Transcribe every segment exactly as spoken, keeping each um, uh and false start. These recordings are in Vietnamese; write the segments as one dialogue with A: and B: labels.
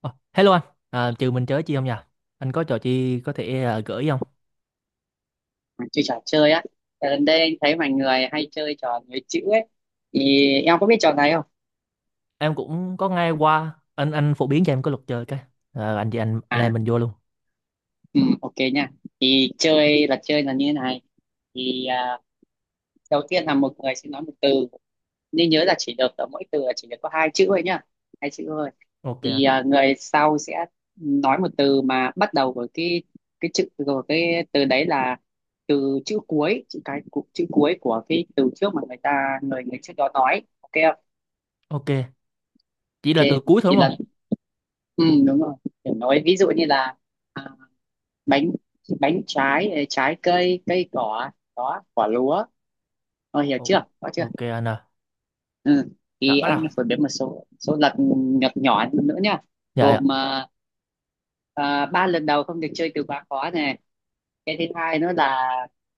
A: Ờ, Hello anh, à, trừ mình chơi chi không nha? Anh có trò chi có thể à, gửi không?
B: Mà chơi trò chơi á. Tại gần đây anh thấy mọi người hay chơi trò nối chữ ấy, thì em có biết trò này không?
A: Em cũng có nghe qua, anh anh phổ biến cho em có luật chơi cái. À, anh chị anh anh em
B: À,
A: mình vô luôn.
B: ừ, ok nha. Thì chơi là chơi là như thế này, thì à, đầu tiên là một người sẽ nói một từ. Nên nhớ là chỉ được ở mỗi từ là chỉ được có hai chữ thôi nhá, hai chữ thôi.
A: Ok
B: thì
A: anh.
B: à, người sau sẽ nói một từ mà bắt đầu với cái cái chữ rồi cái từ đấy là từ chữ cuối, chữ cái, chữ cuối của cái từ trước mà người ta người người trước đó nói, ok không?
A: Ok, chỉ là từ
B: Ok,
A: cuối thôi
B: thì
A: đúng
B: lần...
A: không?
B: Ừ, đúng rồi, kiểu nói ví dụ như là à, bánh, bánh trái, ờ, trái cây, cây cỏ, đó, quả lúa. Ờ, hiểu
A: Ồ,
B: chưa, có chưa?
A: Ok anh à.
B: Ừ.
A: Đã,
B: Thì
A: bắt đầu.
B: anh phổ biến một số số lật nhỏ nhỏ nữa nhá.
A: Dạ dạ.
B: Gồm à, à, ba lần đầu không được chơi từ quá khó này. Cái thứ hai nữa là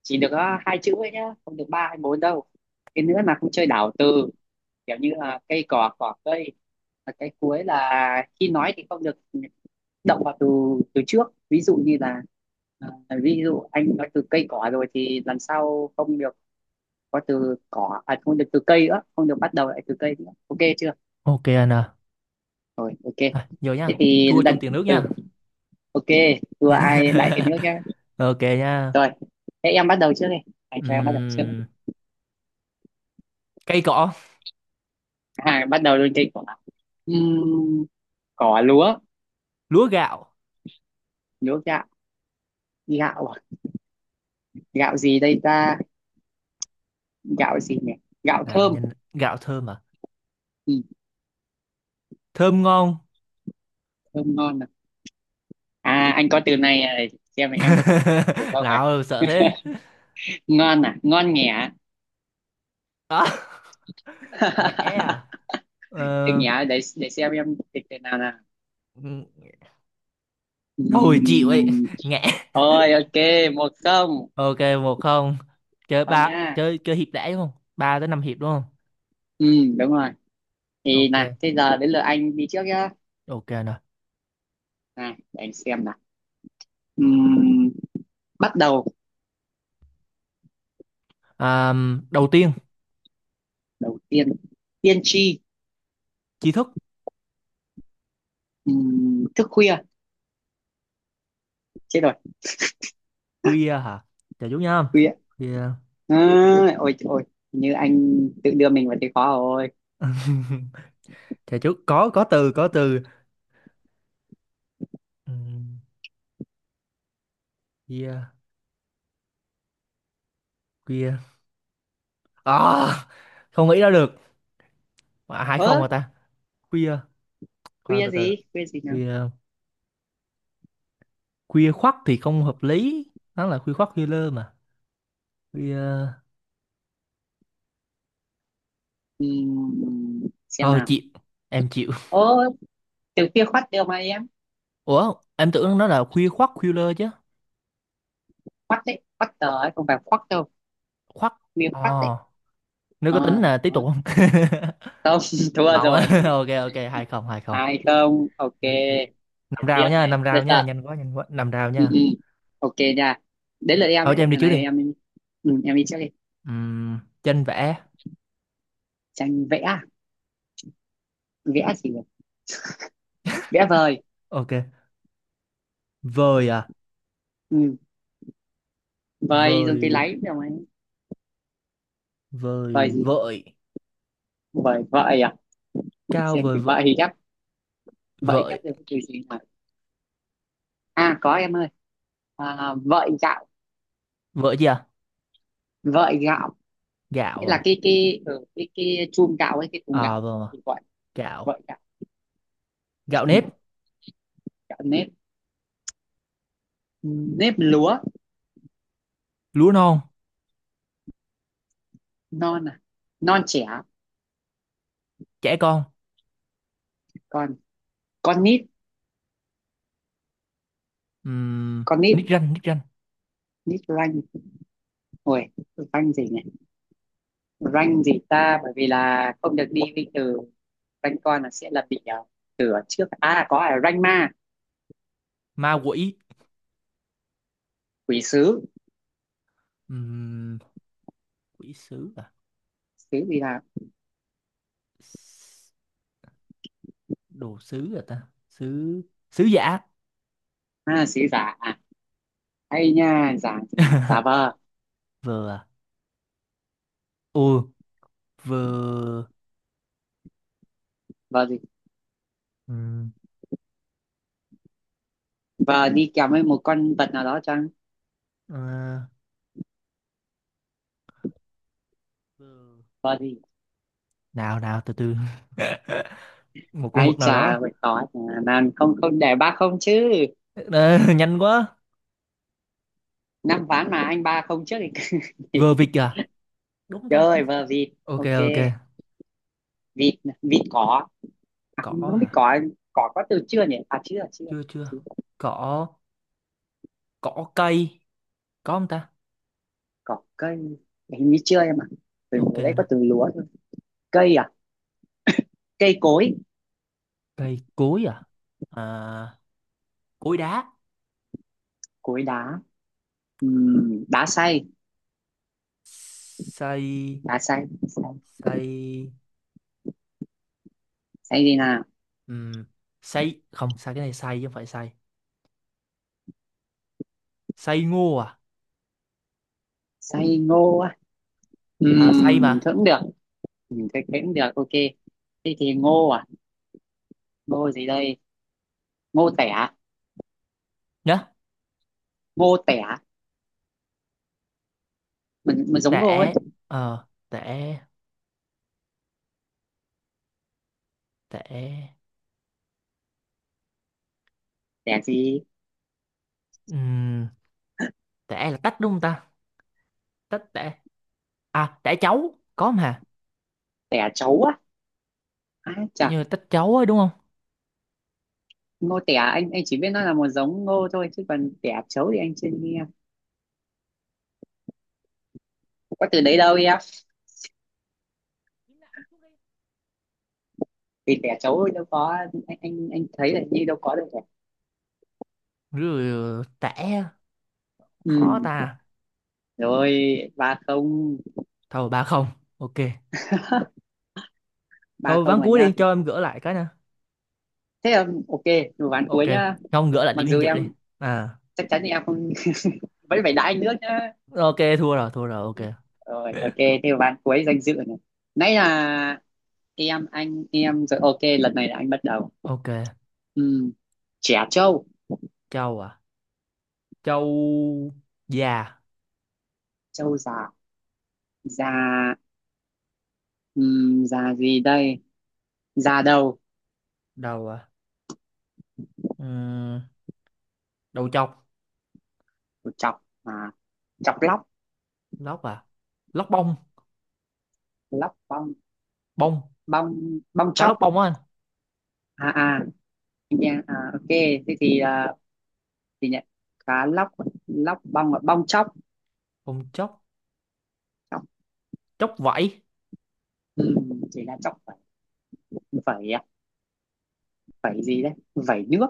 B: chỉ được có hai chữ ấy nhá, không được ba hay bốn đâu. Cái nữa là không chơi đảo từ, kiểu như là cây cỏ, cỏ cây. Và cái cuối là khi nói thì không được động vào từ từ trước, ví dụ như là à, ví dụ anh nói từ cây cỏ rồi thì lần sau không được có từ cỏ, à không được từ cây nữa, không được bắt đầu lại từ cây nữa, ok chưa?
A: Ok anh à.
B: Rồi, ok.
A: À, vô
B: Thế
A: nha.
B: thì
A: Thua trong
B: lần...
A: tiền nước
B: ừ,
A: nha.
B: ok, vừa ai đại thì nước nhá.
A: Ok nha.
B: Rồi, thế em bắt đầu trước đi, anh cho em bắt đầu trước đi.
A: Ừm, cây cỏ,
B: À, bắt đầu luôn, cây cỏ. Ừm, Cỏ lúa.
A: lúa gạo.
B: Lúa gạo. Gạo à? Gạo gì đây ta, gạo gì nhỉ, gạo
A: Nào
B: thơm.
A: nhìn gạo thơm à?
B: Ừ,
A: Thơm ngon.
B: thơm ngon à. À, anh có từ này, à, xem là em có từ không.
A: Nào sợ thế.
B: Ngon à, ngon nhẹ.
A: Đó. Ngẽ à.
B: Từ
A: Ờ,
B: nhẹ, để để xem em thịt thế nào nào.
A: thôi chịu ấy
B: Ừm,
A: ngã.
B: Thôi ok, một không.
A: Ok một không. Chơi
B: Không
A: ba
B: nha.
A: chơi chơi hiệp đã đúng không? Ba tới năm hiệp đúng không?
B: Ừm, đúng rồi. Thì nè,
A: Ok
B: thế giờ đến lượt anh đi trước nhá.
A: ok nè.
B: Này để anh xem nào. Ừm, Bắt đầu.
A: À, đầu tiên
B: Đầu tiên. Tiên tri.
A: tri thức
B: Ừm, thức khuya. Chết rồi.
A: khuya hả? Chờ chút nha.
B: Khuya
A: Khuya.
B: à, ôi trời ơi, như anh tự đưa mình vào thế khó rồi.
A: Chờ chút, có có từ có từ Ừm, khuya, khuya à. À, không nghĩ ra được. À, hai
B: Ơ,
A: không mà ta. Khuya, khoan,
B: khuya
A: từ từ.
B: gì, khuya gì nữa.
A: Khuya, khuya khoắt thì không hợp lý, nó là khuya khoắt khuya lơ mà. Khuya,
B: Ừm, xem
A: thôi
B: nào.
A: chịu, em chịu.
B: Ô, từ khuya khoắt đều mà em.
A: Ủa, em tưởng nó là khuya khoắt khuya chứ.
B: Quắt đấy, quắt tờ ấy, không phải quắt đâu,
A: Khoắt.
B: miếng
A: Ờ,
B: quắt đấy.
A: nếu có tính
B: Ờ,
A: là tiếp tục
B: đó.
A: không?
B: Không, thua
A: Lộn
B: rồi.
A: á. Ok ok, hai không hai không.
B: hai
A: Tiếp,
B: không ok.
A: tiếp, tiếp.
B: Để
A: Năm rào
B: tiếp
A: nha,
B: này,
A: năm
B: để
A: rào nha,
B: tận.
A: nhanh quá nhanh quá, năm rào
B: Ừ,
A: nha.
B: ừ. Ok nha. Đến lượt em
A: Thôi
B: ấy,
A: cho em đi
B: lần
A: trước đi.
B: này em... ừ, em đi trước đi.
A: Uhm, tranh vẽ.
B: Tranh vẽ à? Vẽ gì nhỉ? Vẽ vời.
A: Ok. Vời à,
B: Ừ. Vời, dùng cái
A: vời,
B: lấy đâu ấy. Vời
A: vời
B: gì,
A: vợi,
B: vời vợi à. Để
A: cao
B: xem
A: vời
B: từ
A: vợi,
B: vợi ghép, vợi
A: vợi,
B: ghép được từ gì mà. À có em ơi, à, vợi gạo.
A: vợi gì à?
B: Vợi gạo, nghĩa
A: Gạo
B: là
A: à?
B: cái cái ừ, cái cái chum gạo ấy, cái thùng
A: À
B: gạo
A: vâng, à,
B: thì gọi
A: gạo.
B: vậy.
A: Gạo nếp,
B: Gạo nếp. Nếp lúa.
A: lúa non,
B: Non à, non trẻ.
A: trẻ con.
B: Còn, con nít.
A: Uhm,
B: Con nít.
A: nick ranh, nick ranh,
B: Nít ranh. Ôi, ranh gì này, ranh gì ta, bởi vì là không được đi với từ ranh con, là sẽ là bị à, từ ở trước, à có, à ranh ma.
A: ma quỷ.
B: Quỷ sứ.
A: Uhm, quỷ sứ.
B: Sứ gì là,
A: S- đồ sứ à ta sứ, sứ giả.
B: à sứ giả à, hay nha, giả gì là giả vờ.
A: Vừa à? Ừ, vừa.
B: Vờ gì,
A: ừm,
B: vờ đi kèm với một con vật nào đó chăng.
A: ờ, vừa.
B: Vờ gì,
A: Nào nào, từ từ. Một con
B: ai
A: vật nào đó.
B: chà vậy có, mà không không, để ba không chứ.
A: Ờ, nhanh quá.
B: Năm ván mà anh ba không trước thì
A: Vừa vịt à, đúng ta.
B: chơi vờ vịt,
A: Ok
B: ok.
A: ok.
B: Vịt, nè, vịt cỏ. À,
A: Cỏ
B: không biết
A: hả?
B: cỏ, cỏ có từ chưa nhỉ? À chưa, chưa.
A: Chưa chưa.
B: Chưa.
A: Cỏ, cỏ cây, có không ta?
B: Cỏ cây, hình như chưa em ạ. Từ
A: Ok
B: hồi đấy có
A: nè.
B: từ lúa thôi. Cây à? Cây cối.
A: Cây cối à? À, cối đá,
B: Cối đá. Ừm, đá xay,
A: xây,
B: đá xay. Xay,
A: xây.
B: xay gì nào?
A: ừm, xây không, xây cái này xây chứ không phải xây. Xây ngô à?
B: Xay ngô á.
A: Ờ, say
B: Ừm,
A: mà.
B: thôi cũng được. Ừ, cái cái cũng được, ok. Thế thì ngô à? Ngô gì đây? Ngô tẻ,
A: Nhớ,
B: ngô tẻ. Mình, mình giống ngô ấy.
A: tẻ, ờ tẻ, tẻ.
B: Tẻ gì?
A: Ừm, tẻ là tách đúng không ta? Tách tẻ, à tẻ cháu có mà,
B: Tẻ trấu á. À,
A: kiểu như tách cháu ấy đúng không?
B: ngô tẻ anh anh chỉ biết nó là một giống ngô thôi, chứ còn tẻ trấu thì anh chưa nghe. Không có từ đấy đâu em, vì tẻ trấu thì đâu có, anh anh anh thấy là như đâu có được rồi.
A: Rồi, tẻ, khó
B: Ừ.
A: ta.
B: Rồi, ba không.
A: Thôi ba không. Ok,
B: ba
A: thôi
B: không
A: ván
B: rồi
A: cuối đi
B: nhá.
A: cho em gỡ lại cái nè.
B: Thế là ok, một ván
A: Ok,
B: cuối nhá.
A: không gỡ lại
B: Mặc
A: điểm danh
B: dù
A: dự đi.
B: em
A: À
B: chắc chắn thì em không, vẫn phải đá anh nước nhá.
A: ok, thua rồi thua rồi ok.
B: Rồi ok, thế là ván cuối danh dự này, nãy là em, anh em rồi, ok lần này là anh bắt đầu.
A: Ok,
B: Ừ. Trẻ trâu.
A: châu à, châu, già,
B: Trâu già. Già, ừ, già gì đây, da đầu.
A: đầu à. Ừm, đầu trọc,
B: Chọc à, chọc lóc.
A: lóc à, lóc bông,
B: Lóc bong.
A: bông,
B: Bong, bong
A: cá
B: chóc.
A: lóc bông á anh.
B: à à yeah, à ok. Thế thì à, thì nhận cá lóc, lóc bong và bong chóc.
A: Ông chốc,
B: Chóc,
A: chốc vẫy,
B: ừ, chỉ là chóc vẩy. Vẩy à? Vẩy gì đấy, vẩy nước.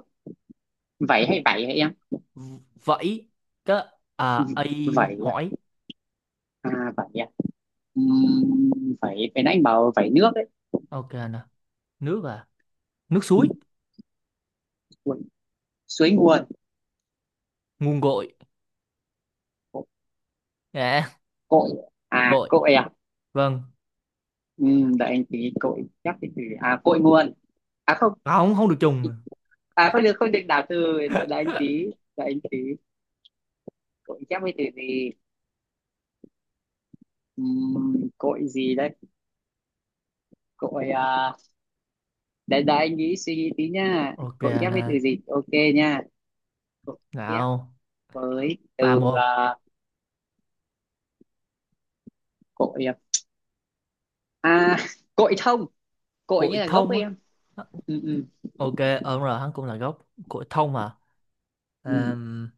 B: Vẩy
A: nước,
B: hay vẩy, hay em?
A: v- vẫy, cái, à ấy,
B: Vẩy
A: hỏi.
B: à? À vẩy à. Ừm, Vẩy cái nãy anh bảo vẩy nước đấy.
A: Ok nè, nước à, nước suối,
B: Ui, suối nguồn.
A: nguồn, gội à,
B: Cội à,
A: gội,
B: cội à.
A: vâng.
B: Ừm, đợi anh tí, cội chắc thì à cội nguồn, à không,
A: À, không không được trùng.
B: à không được, không được đảo từ. Đợi đợi anh tí, đợi anh tí. Cội chép với từ gì. Ừm, cội gì đây, cội à, đợi đợi anh nghĩ, suy nghĩ tí nha,
A: Ok
B: cội chép với
A: nè,
B: từ gì, ok nha. Cội chép
A: nào,
B: với
A: ba
B: từ
A: một.
B: à, cội à, cội thông. Cội như
A: Cội
B: là gốc
A: thông
B: ấy
A: á,
B: em. Ừ, ừ,
A: ok. Ờ đúng rồi, hắn cũng là gốc, cội thông à.
B: ừ.
A: Ờm,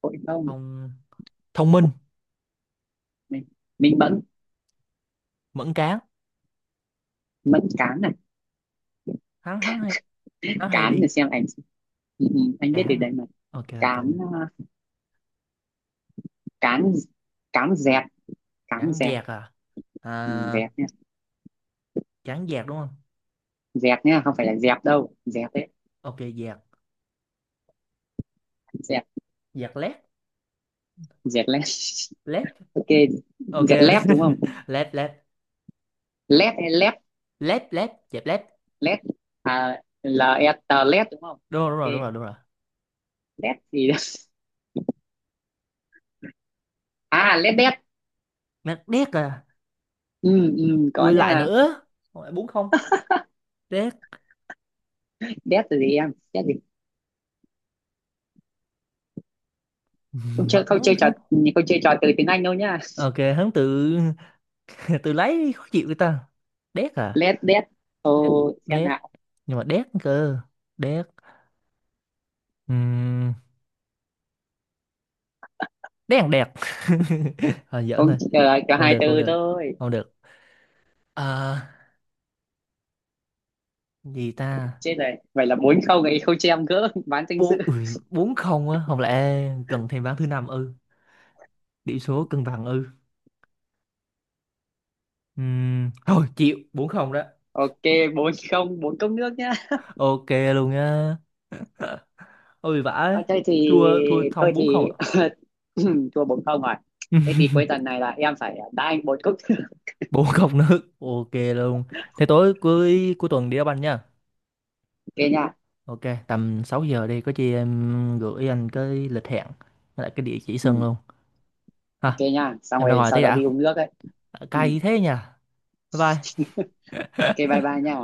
B: Cội thông.
A: thông, thông minh
B: mình mình mẫn.
A: mẫn cán.
B: Mẫn cán này.
A: Hắn hắn hay, hắn hay
B: Cán để
A: đi
B: xem ảnh. Ừ, ừ, anh biết từ
A: cán
B: đấy
A: à.
B: mà.
A: Ok ok
B: Cán
A: nè.
B: à, cán cán dẹp, cán
A: Cán
B: dẹp.
A: dẹt à,
B: Ừ,
A: à
B: dẹp nha,
A: cán dẹt đúng không?
B: dẹp nha, không phải là dẹp đâu, dẹp đấy,
A: Ok, dẹp,
B: dẹt.
A: dẹp lép,
B: Dẹt lép.
A: lép.
B: Ok,
A: Ok
B: dẹt lép đúng không.
A: lép lép,
B: Lép hay lép,
A: lép lép dẹp lép.
B: lép à, lờ e tê lép đúng không.
A: Đúng rồi đúng
B: Ok.
A: rồi đúng rồi đúng rồi.
B: Lép thì à lép đét.
A: Mẹ đét à,
B: Ừ, ừ, có
A: ui lại
B: nha.
A: nữa, lại bốn không. Đét.
B: Đét là gì em, đét gì? Không chơi,
A: Mà
B: không
A: hắn
B: chơi trò,
A: hắn
B: không chơi trò từ tiếng Anh đâu nhá.
A: ok hắn tự tự lấy khó chịu người ta. Đét à,
B: Lép đét. Ô,
A: đét,
B: xem
A: đét,
B: nào.
A: nhưng mà đét cơ, đét. Ừm, đét, thằng đẹt. Thôi giỡn
B: Không.
A: thôi.
B: ờ, có
A: Không
B: hai
A: được không
B: từ
A: được
B: thôi.
A: không được. À, gì ta?
B: Chết rồi, vậy là bốn không ấy, không cho em gỡ bán danh dự.
A: Bốn ui, bốn không á, không lẽ cần thêm ván thứ năm ư? Điểm số cân bằng ư. Ừm, thôi chịu bốn không đó.
B: Ok, bốn không, bốn cốc nước nhá.
A: Ok luôn á. Ôi vãi.
B: Ờ, thế thì,
A: Thua thua
B: thôi
A: xong bốn
B: thì
A: không ạ.
B: thua bốn không rồi. Thế thì cuối tuần này là em phải đá anh một cốc.
A: Bốn không nữa. Ok luôn. Thế tối cuối cuối tuần đi đá banh nha.
B: Ok nha.
A: Ok, tầm sáu giờ đi, có chi em gửi anh cái lịch hẹn với lại cái địa chỉ sân
B: Ừ,
A: luôn.
B: ok
A: Ha,
B: nha, xong
A: em ra
B: rồi
A: ngoài
B: sau
A: tí
B: đó đi
A: đã.
B: uống nước ấy. Ừ,
A: Cay thế nha. Bye bye.
B: ok, bye bye nha.